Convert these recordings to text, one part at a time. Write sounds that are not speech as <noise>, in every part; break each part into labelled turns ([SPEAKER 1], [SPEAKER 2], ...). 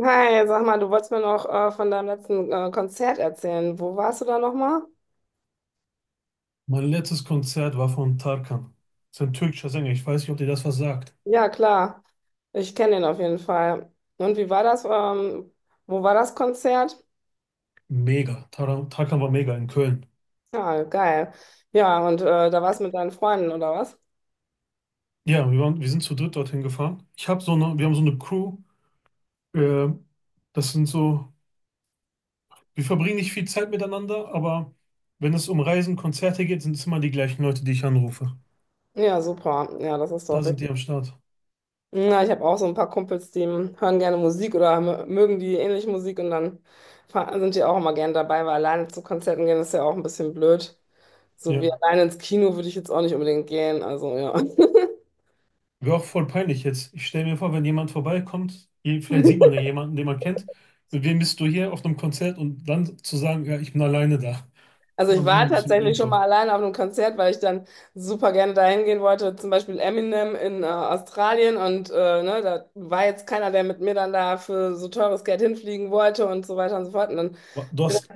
[SPEAKER 1] Hi, sag mal, du wolltest mir noch von deinem letzten Konzert erzählen. Wo warst du da nochmal?
[SPEAKER 2] Mein letztes Konzert war von Tarkan. Das ist ein türkischer Sänger. Ich weiß nicht, ob dir das was sagt.
[SPEAKER 1] Ja, klar. Ich kenne ihn auf jeden Fall. Und wie war das? Wo war das Konzert?
[SPEAKER 2] Mega. Tarkan war mega in Köln.
[SPEAKER 1] Ja, geil. Ja, und da warst du mit deinen Freunden, oder was?
[SPEAKER 2] Ja, wir sind zu dritt dorthin gefahren. Ich habe so eine, wir haben so eine Crew. Äh, das sind so, wir verbringen nicht viel Zeit miteinander, aber wenn es um Reisen, Konzerte geht, sind es immer die gleichen Leute, die ich anrufe.
[SPEAKER 1] Ja, super. Ja, das ist
[SPEAKER 2] Da
[SPEAKER 1] doch
[SPEAKER 2] sind
[SPEAKER 1] wichtig.
[SPEAKER 2] die am Start.
[SPEAKER 1] Ja, ich habe auch so ein paar Kumpels, die hören gerne Musik oder mögen die ähnliche Musik und dann sind die auch immer gerne dabei, weil alleine zu Konzerten gehen ist ja auch ein bisschen blöd. So wie
[SPEAKER 2] Ja.
[SPEAKER 1] alleine ins Kino würde ich jetzt auch nicht unbedingt gehen. Also ja. <laughs>
[SPEAKER 2] Wäre auch voll peinlich jetzt. Ich stelle mir vor, wenn jemand vorbeikommt, vielleicht sieht man ja jemanden, den man kennt. Mit wem bist du hier auf einem Konzert und dann zu sagen, ja, ich bin alleine da.
[SPEAKER 1] Also ich
[SPEAKER 2] Man sich auch
[SPEAKER 1] war
[SPEAKER 2] ein bisschen dumm
[SPEAKER 1] tatsächlich schon mal
[SPEAKER 2] vor.
[SPEAKER 1] alleine auf einem Konzert, weil ich dann super gerne dahin gehen wollte, zum Beispiel Eminem in Australien und ne, da war jetzt keiner, der mit mir dann da für so teures Geld hinfliegen wollte und so weiter und so fort. Und dann
[SPEAKER 2] Du hast,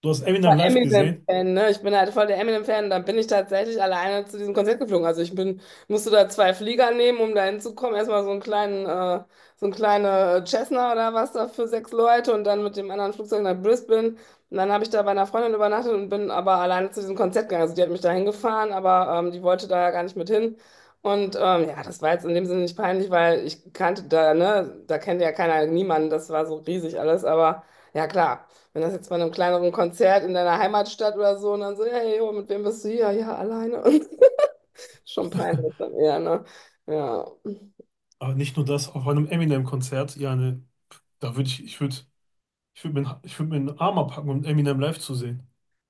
[SPEAKER 2] du hast
[SPEAKER 1] voll
[SPEAKER 2] Eminem live gesehen,
[SPEAKER 1] Eminem-Fan, ne? Ich bin halt voll der Eminem-Fan. Dann bin ich tatsächlich alleine zu diesem Konzert geflogen. Also ich bin, musste da zwei Flieger nehmen, um da hinzukommen. Erstmal so einen kleinen Cessna oder was da für sechs Leute und dann mit dem anderen Flugzeug nach Brisbane. Und dann habe ich da bei einer Freundin übernachtet und bin aber alleine zu diesem Konzert gegangen. Also die hat mich da hingefahren, aber die wollte da ja gar nicht mit hin. Und ja, das war jetzt in dem Sinne nicht peinlich, weil ich kannte da, ne, da kennt ja keiner niemanden. Das war so riesig alles, aber ja klar. Wenn das jetzt bei einem kleineren Konzert in deiner Heimatstadt oder so und dann so, hey, jo, mit wem bist du hier? Ja, alleine. <laughs> Schon peinlich dann eher, ne? Ja.
[SPEAKER 2] aber nicht nur das, auf einem Eminem-Konzert, ja, ne, da würde ich, ich würde, ich würde mir einen Arm abhacken, um Eminem live zu sehen.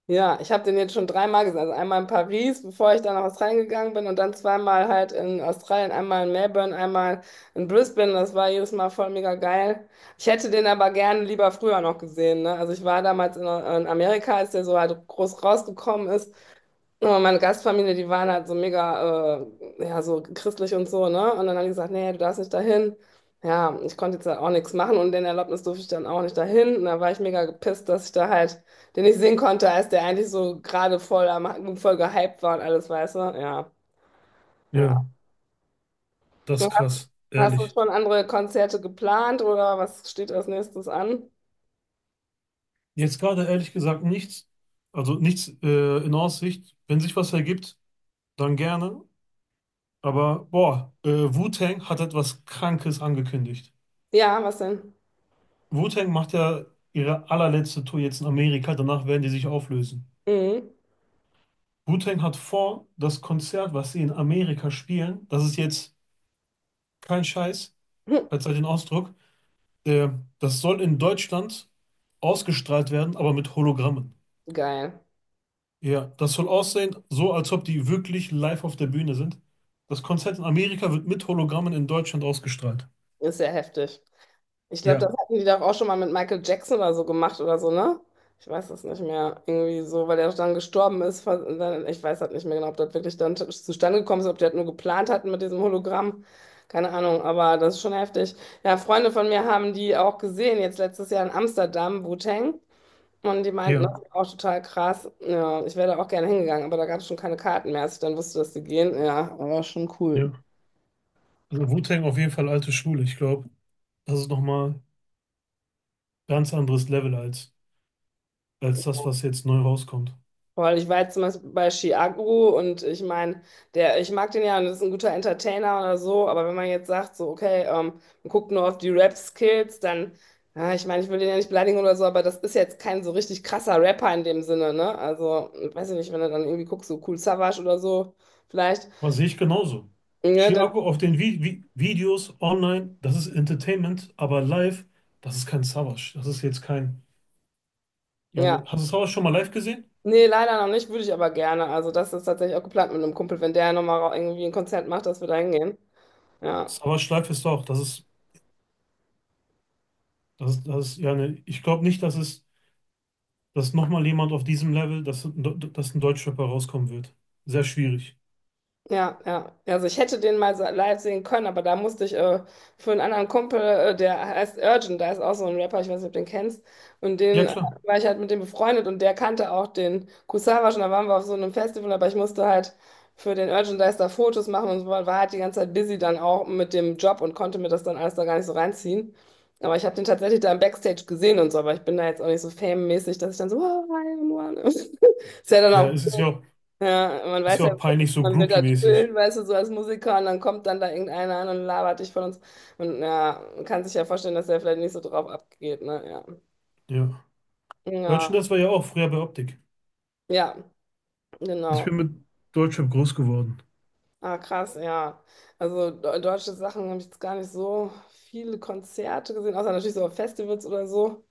[SPEAKER 1] Ja, ich habe den jetzt schon dreimal gesehen. Also einmal in Paris, bevor ich dann nach Australien gegangen bin und dann zweimal halt in Australien, einmal in Melbourne, einmal in Brisbane. Das war jedes Mal voll mega geil. Ich hätte den aber gerne lieber früher noch gesehen, ne? Also ich war damals in Amerika, als der so halt groß rausgekommen ist. Ja, meine Gastfamilie, die waren halt so mega, ja, so christlich und so, ne? Und dann haben die gesagt, nee, du darfst nicht dahin. Ja, ich konnte jetzt halt auch nichts machen und den Erlaubnis durfte ich dann auch nicht dahin. Und da war ich mega gepisst, dass ich da halt den nicht sehen konnte, als der eigentlich so gerade voll, voll gehypt war und alles, weißt du? Ja, ja.
[SPEAKER 2] Ja, das
[SPEAKER 1] Und
[SPEAKER 2] ist krass,
[SPEAKER 1] hast du
[SPEAKER 2] ehrlich.
[SPEAKER 1] schon andere Konzerte geplant oder was steht als nächstes an?
[SPEAKER 2] Jetzt gerade ehrlich gesagt nichts, also nichts in Aussicht. Wenn sich was ergibt, dann gerne. Aber boah, Wu-Tang hat etwas Krankes angekündigt.
[SPEAKER 1] Ja, was denn?
[SPEAKER 2] Wu-Tang macht ja ihre allerletzte Tour jetzt in Amerika, danach werden die sich auflösen.
[SPEAKER 1] Mhm.
[SPEAKER 2] Wu-Tang hat vor, das Konzert, was sie in Amerika spielen, das ist jetzt kein Scheiß,
[SPEAKER 1] <laughs> Hm,
[SPEAKER 2] verzeiht den Ausdruck, der, das soll in Deutschland ausgestrahlt werden, aber mit Hologrammen.
[SPEAKER 1] geil.
[SPEAKER 2] Ja, das soll aussehen, so als ob die wirklich live auf der Bühne sind. Das Konzert in Amerika wird mit Hologrammen in Deutschland ausgestrahlt.
[SPEAKER 1] Ist ja heftig. Ich glaube, das
[SPEAKER 2] Ja,
[SPEAKER 1] hatten die doch auch schon mal mit Michael Jackson oder so gemacht oder so, ne? Ich weiß es nicht mehr. Irgendwie so, weil er dann gestorben ist. Ich weiß halt nicht mehr genau, ob das wirklich dann zustande gekommen ist, ob die das nur geplant hatten mit diesem Hologramm. Keine Ahnung, aber das ist schon heftig. Ja, Freunde von mir haben die auch gesehen, jetzt letztes Jahr in Amsterdam, Wu-Tang. Und die meinten,
[SPEAKER 2] ja,
[SPEAKER 1] das ist auch total krass. Ja, ich wäre da auch gerne hingegangen, aber da gab es schon keine Karten mehr, als ich dann wusste, dass die gehen. Ja, war schon cool.
[SPEAKER 2] ja. Also Wu-Tang auf jeden Fall alte Schule. Ich glaube, das ist nochmal ein ganz anderes Level als, als das, was jetzt neu rauskommt.
[SPEAKER 1] Weil ich war jetzt zum Beispiel bei Chiago und ich meine, der, ich mag den ja und das ist ein guter Entertainer oder so, aber wenn man jetzt sagt, so, okay, man guckt nur auf die Rap-Skills, dann, ja, ich meine, ich will den ja nicht beleidigen oder so, aber das ist jetzt kein so richtig krasser Rapper in dem Sinne, ne? Also, weiß ich nicht, wenn du dann irgendwie guckst, so Kool Savas oder so, vielleicht,
[SPEAKER 2] Was sehe ich genauso.
[SPEAKER 1] ne, dann,
[SPEAKER 2] Chiago auf den Vi Vi Videos online, das ist Entertainment, aber live, das ist kein Savas. Das ist jetzt kein. Ja, ne,
[SPEAKER 1] ja.
[SPEAKER 2] hast du Savas schon mal live gesehen?
[SPEAKER 1] Nee, leider noch nicht, würde ich aber gerne. Also, das ist tatsächlich auch geplant mit einem Kumpel, wenn der nochmal irgendwie ein Konzert macht, dass wir da hingehen. Ja.
[SPEAKER 2] Savas live ist doch, das ist, ja, ne, ich glaube nicht, dass nochmal jemand auf diesem Level, dass ein Deutschrapper rauskommen wird. Sehr schwierig.
[SPEAKER 1] Ja, ja. Also ich hätte den mal so live sehen können, aber da musste ich für einen anderen Kumpel, der heißt Urgent, da ist auch so ein Rapper, ich weiß nicht, ob du den kennst. Und
[SPEAKER 2] Ja,
[SPEAKER 1] den
[SPEAKER 2] klar.
[SPEAKER 1] war ich halt mit dem befreundet und der kannte auch den Kusawa schon, da waren wir auf so einem Festival, aber ich musste halt für den Urgent Dice da Fotos machen und so, war halt die ganze Zeit busy dann auch mit dem Job und konnte mir das dann alles da gar nicht so reinziehen. Aber ich habe den tatsächlich da im Backstage gesehen und so, aber ich bin da jetzt auch nicht so fame-mäßig, dass ich dann so, oh, hi, und <laughs> one. Ist ja dann
[SPEAKER 2] Ja,
[SPEAKER 1] auch
[SPEAKER 2] es
[SPEAKER 1] ja, man
[SPEAKER 2] ist
[SPEAKER 1] weiß
[SPEAKER 2] ja
[SPEAKER 1] ja,
[SPEAKER 2] auch peinlich, so
[SPEAKER 1] man will da
[SPEAKER 2] Groupie-mäßig.
[SPEAKER 1] chillen, weißt du, so als Musiker und dann kommt dann da irgendeiner an und labert dich von uns. Und ja, man kann sich ja vorstellen, dass der vielleicht nicht so drauf abgeht, ne? Ja.
[SPEAKER 2] Ja.
[SPEAKER 1] Ja,
[SPEAKER 2] Merchandise war ja auch früher bei Optik.
[SPEAKER 1] ja,
[SPEAKER 2] Ich
[SPEAKER 1] genau.
[SPEAKER 2] bin mit Deutschrap groß geworden.
[SPEAKER 1] Ah, krass, ja. Also deutsche Sachen habe ich jetzt gar nicht so viele Konzerte gesehen, außer natürlich so auf Festivals oder so.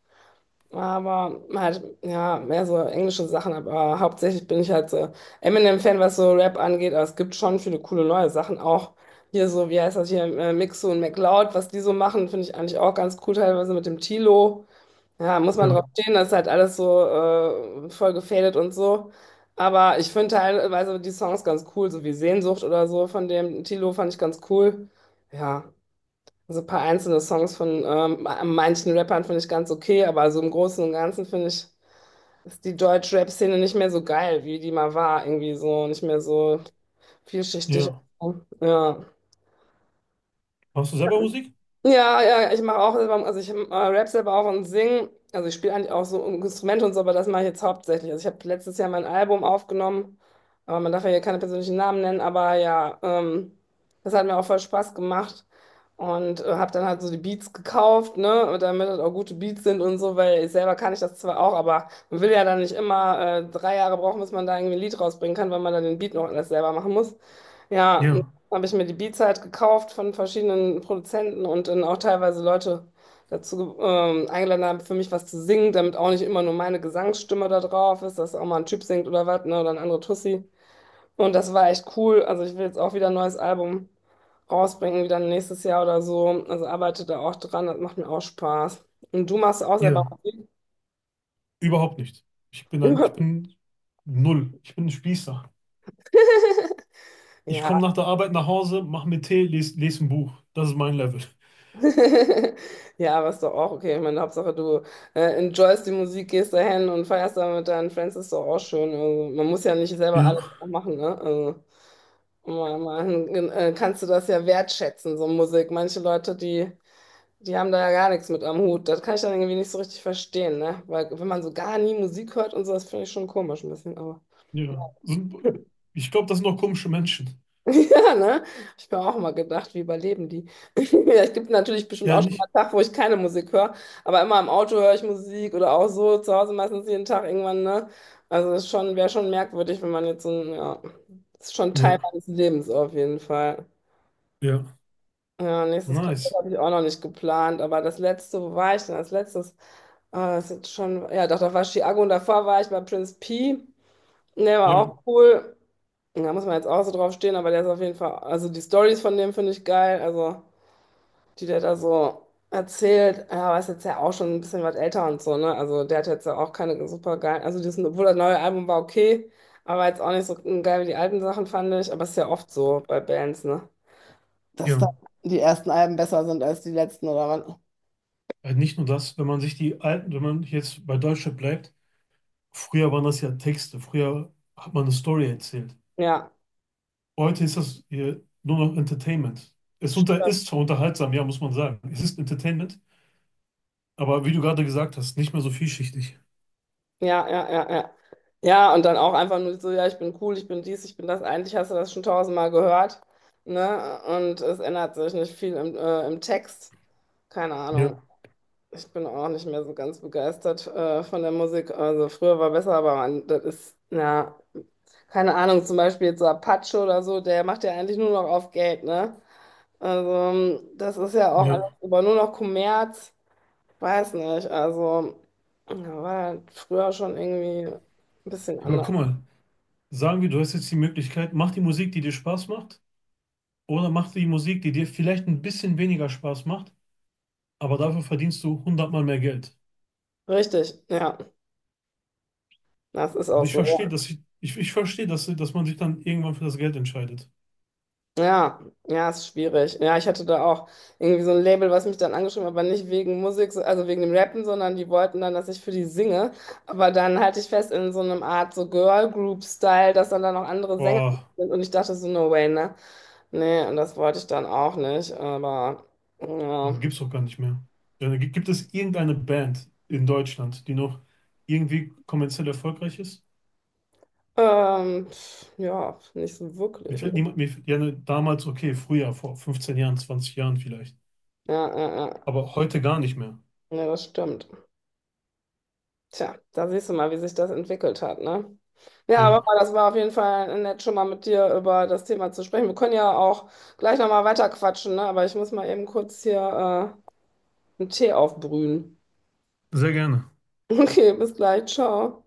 [SPEAKER 1] Aber halt, ja, mehr so englische Sachen, aber hauptsächlich bin ich halt so Eminem-Fan, was so Rap angeht, aber es gibt schon viele coole neue Sachen auch. Hier so, wie heißt das hier, Mixo und McLeod, was die so machen, finde ich eigentlich auch ganz cool, teilweise mit dem Tilo. Ja, muss man
[SPEAKER 2] Ja.
[SPEAKER 1] drauf stehen, das ist halt alles so voll gefadet und so. Aber ich finde teilweise die Songs ganz cool, so wie Sehnsucht oder so von dem Tilo fand ich ganz cool. Ja. Also ein paar einzelne Songs von manchen Rappern finde ich ganz okay, aber so im Großen und Ganzen finde ich, ist die Deutsch-Rap-Szene nicht mehr so geil, wie die mal war. Irgendwie so, nicht mehr so vielschichtig.
[SPEAKER 2] Ja.
[SPEAKER 1] Ja.
[SPEAKER 2] Machst du selber Musik?
[SPEAKER 1] Ja, ja, ich mache auch selber, also ich rap selber auch und sing. Also ich spiele eigentlich auch so Instrumente und so, aber das mache ich jetzt hauptsächlich. Also ich habe letztes Jahr mein Album aufgenommen, aber man darf ja hier keine persönlichen Namen nennen, aber ja, das hat mir auch voll Spaß gemacht und habe dann halt so die Beats gekauft, ne, damit das auch gute Beats sind und so, weil ich selber kann ich das zwar auch, aber man will ja dann nicht immer 3 Jahre brauchen, bis man da irgendwie ein Lied rausbringen kann, weil man dann den Beat noch alles selber machen muss. Ja,
[SPEAKER 2] Ja.
[SPEAKER 1] habe ich mir die Beats halt gekauft von verschiedenen Produzenten und dann auch teilweise Leute dazu eingeladen haben, für mich was zu singen, damit auch nicht immer nur meine Gesangsstimme da drauf ist, dass auch mal ein Typ singt oder was, ne, oder ein anderer Tussi. Und das war echt cool. Also ich will jetzt auch wieder ein neues Album rausbringen, wieder nächstes Jahr oder so. Also arbeite da auch dran, das macht mir auch Spaß. Und du machst auch selber
[SPEAKER 2] Ja,
[SPEAKER 1] Musik?
[SPEAKER 2] überhaupt nicht. Ich
[SPEAKER 1] <laughs>
[SPEAKER 2] bin null. Ich bin ein Spießer. Ich komme
[SPEAKER 1] Ja.
[SPEAKER 2] nach der Arbeit nach Hause, mache mir Tee, lese les les ein Buch. Das ist mein Level.
[SPEAKER 1] <laughs> Ja, aber ist doch auch okay. Ich meine, Hauptsache du enjoyst die Musik, gehst dahin und feierst da mit deinen Friends, ist doch auch schön. Also, man muss ja nicht selber
[SPEAKER 2] Ja,
[SPEAKER 1] alles auch machen, ne? Also, kannst du das ja wertschätzen, so Musik. Manche Leute, die haben da ja gar nichts mit am Hut. Das kann ich dann irgendwie nicht so richtig verstehen, ne? Weil wenn man so gar nie Musik hört und so, das finde ich schon komisch ein bisschen,
[SPEAKER 2] ja. Ich glaube, das sind noch komische Menschen.
[SPEAKER 1] <laughs> Ja, ne? Ich mir auch mal gedacht, wie überleben die? <laughs> Ja, Es gibt natürlich bestimmt
[SPEAKER 2] Ja,
[SPEAKER 1] auch schon mal
[SPEAKER 2] nicht?
[SPEAKER 1] einen Tag, wo ich keine Musik höre, aber immer im Auto höre ich Musik oder auch so zu Hause meistens jeden Tag irgendwann, ne? Also es ist schon, wäre schon merkwürdig, wenn man jetzt so ein, ja, das ist schon Teil
[SPEAKER 2] Ja,
[SPEAKER 1] meines Lebens auf jeden Fall.
[SPEAKER 2] ja.
[SPEAKER 1] Ja, nächstes Konzert
[SPEAKER 2] Nice.
[SPEAKER 1] habe ich auch noch nicht geplant, aber das letzte, wo war ich denn als letztes? Ah, das ist jetzt schon, ja, doch, da war Chiago und davor war ich bei Prince P. Der war
[SPEAKER 2] Ja,
[SPEAKER 1] auch cool. Da muss man jetzt auch so drauf stehen, aber der ist auf jeden Fall, also die Stories von dem finde ich geil, also die der da so erzählt, ja, aber ist jetzt ja auch schon ein bisschen was älter und so, ne? Also der hat jetzt ja auch keine super geil, also das, obwohl das neue Album war okay, aber jetzt auch nicht so geil wie die alten Sachen fand ich, aber ist ja oft so bei Bands, ne? Dass da
[SPEAKER 2] ja.
[SPEAKER 1] die ersten Alben besser sind als die letzten, oder was?
[SPEAKER 2] Nicht nur das, wenn man sich die alten, wenn man jetzt bei Deutschland bleibt, früher waren das ja Texte, früher hat man eine Story erzählt.
[SPEAKER 1] Ja.
[SPEAKER 2] Heute ist das nur noch Entertainment. Ist zwar unterhaltsam, ja, muss man sagen. Es ist Entertainment. Aber wie du gerade gesagt hast, nicht mehr so vielschichtig.
[SPEAKER 1] Ja, ja, ja, ja. Ja, und dann auch einfach nur so, ja, ich bin cool, ich bin dies, ich bin das. Eigentlich hast du das schon tausendmal gehört, ne? Und es ändert sich nicht viel im Text. Keine Ahnung.
[SPEAKER 2] Ja,
[SPEAKER 1] Ich bin auch nicht mehr so ganz begeistert von der Musik. Also früher war besser, aber man, das ist, ja, keine Ahnung, zum Beispiel jetzt so Apache oder so, der macht ja eigentlich nur noch auf Geld, ne? Also das ist ja auch
[SPEAKER 2] ja.
[SPEAKER 1] alles über nur noch Kommerz. Weiß nicht, also ja, war halt früher schon irgendwie ein bisschen
[SPEAKER 2] Aber
[SPEAKER 1] anders.
[SPEAKER 2] guck mal, sagen wir, du hast jetzt die Möglichkeit, mach die Musik, die dir Spaß macht, oder mach die Musik, die dir vielleicht ein bisschen weniger Spaß macht, aber dafür verdienst du 100-mal mehr Geld.
[SPEAKER 1] Richtig, ja, das ist auch
[SPEAKER 2] Also
[SPEAKER 1] so.
[SPEAKER 2] ich verstehe, dass man sich dann irgendwann für das Geld entscheidet.
[SPEAKER 1] Ja, ja, ist schwierig. Ja, ich hatte da auch irgendwie so ein Label, was mich dann angeschrieben hat, aber nicht wegen Musik, so- also wegen dem Rappen, sondern die wollten dann, dass ich für die singe. Aber dann halte ich fest in so einem Art so Girl Group Style, dass dann da noch andere Sänger
[SPEAKER 2] Boah,
[SPEAKER 1] sind und ich dachte so, no way, ne? Nee, und das wollte ich dann auch nicht, aber ja,
[SPEAKER 2] das gibt's doch gar nicht mehr. Ja, gibt es irgendeine Band in Deutschland, die noch irgendwie kommerziell erfolgreich ist?
[SPEAKER 1] pf, ja, nicht so
[SPEAKER 2] Mir
[SPEAKER 1] wirklich. Ne?
[SPEAKER 2] fällt niemand, mir, ja, ne, damals, okay, früher, vor 15 Jahren, 20 Jahren vielleicht.
[SPEAKER 1] Ja, ja, ja.
[SPEAKER 2] Aber heute gar nicht mehr.
[SPEAKER 1] Ja, das stimmt. Tja, da siehst du mal, wie sich das entwickelt hat, ne? Ja, aber
[SPEAKER 2] Ja,
[SPEAKER 1] das war auf jeden Fall nett, schon mal mit dir über das Thema zu sprechen. Wir können ja auch gleich nochmal weiter quatschen, ne? Aber ich muss mal eben kurz hier einen Tee aufbrühen. <laughs>
[SPEAKER 2] sehr gerne.
[SPEAKER 1] Okay, bis gleich, ciao.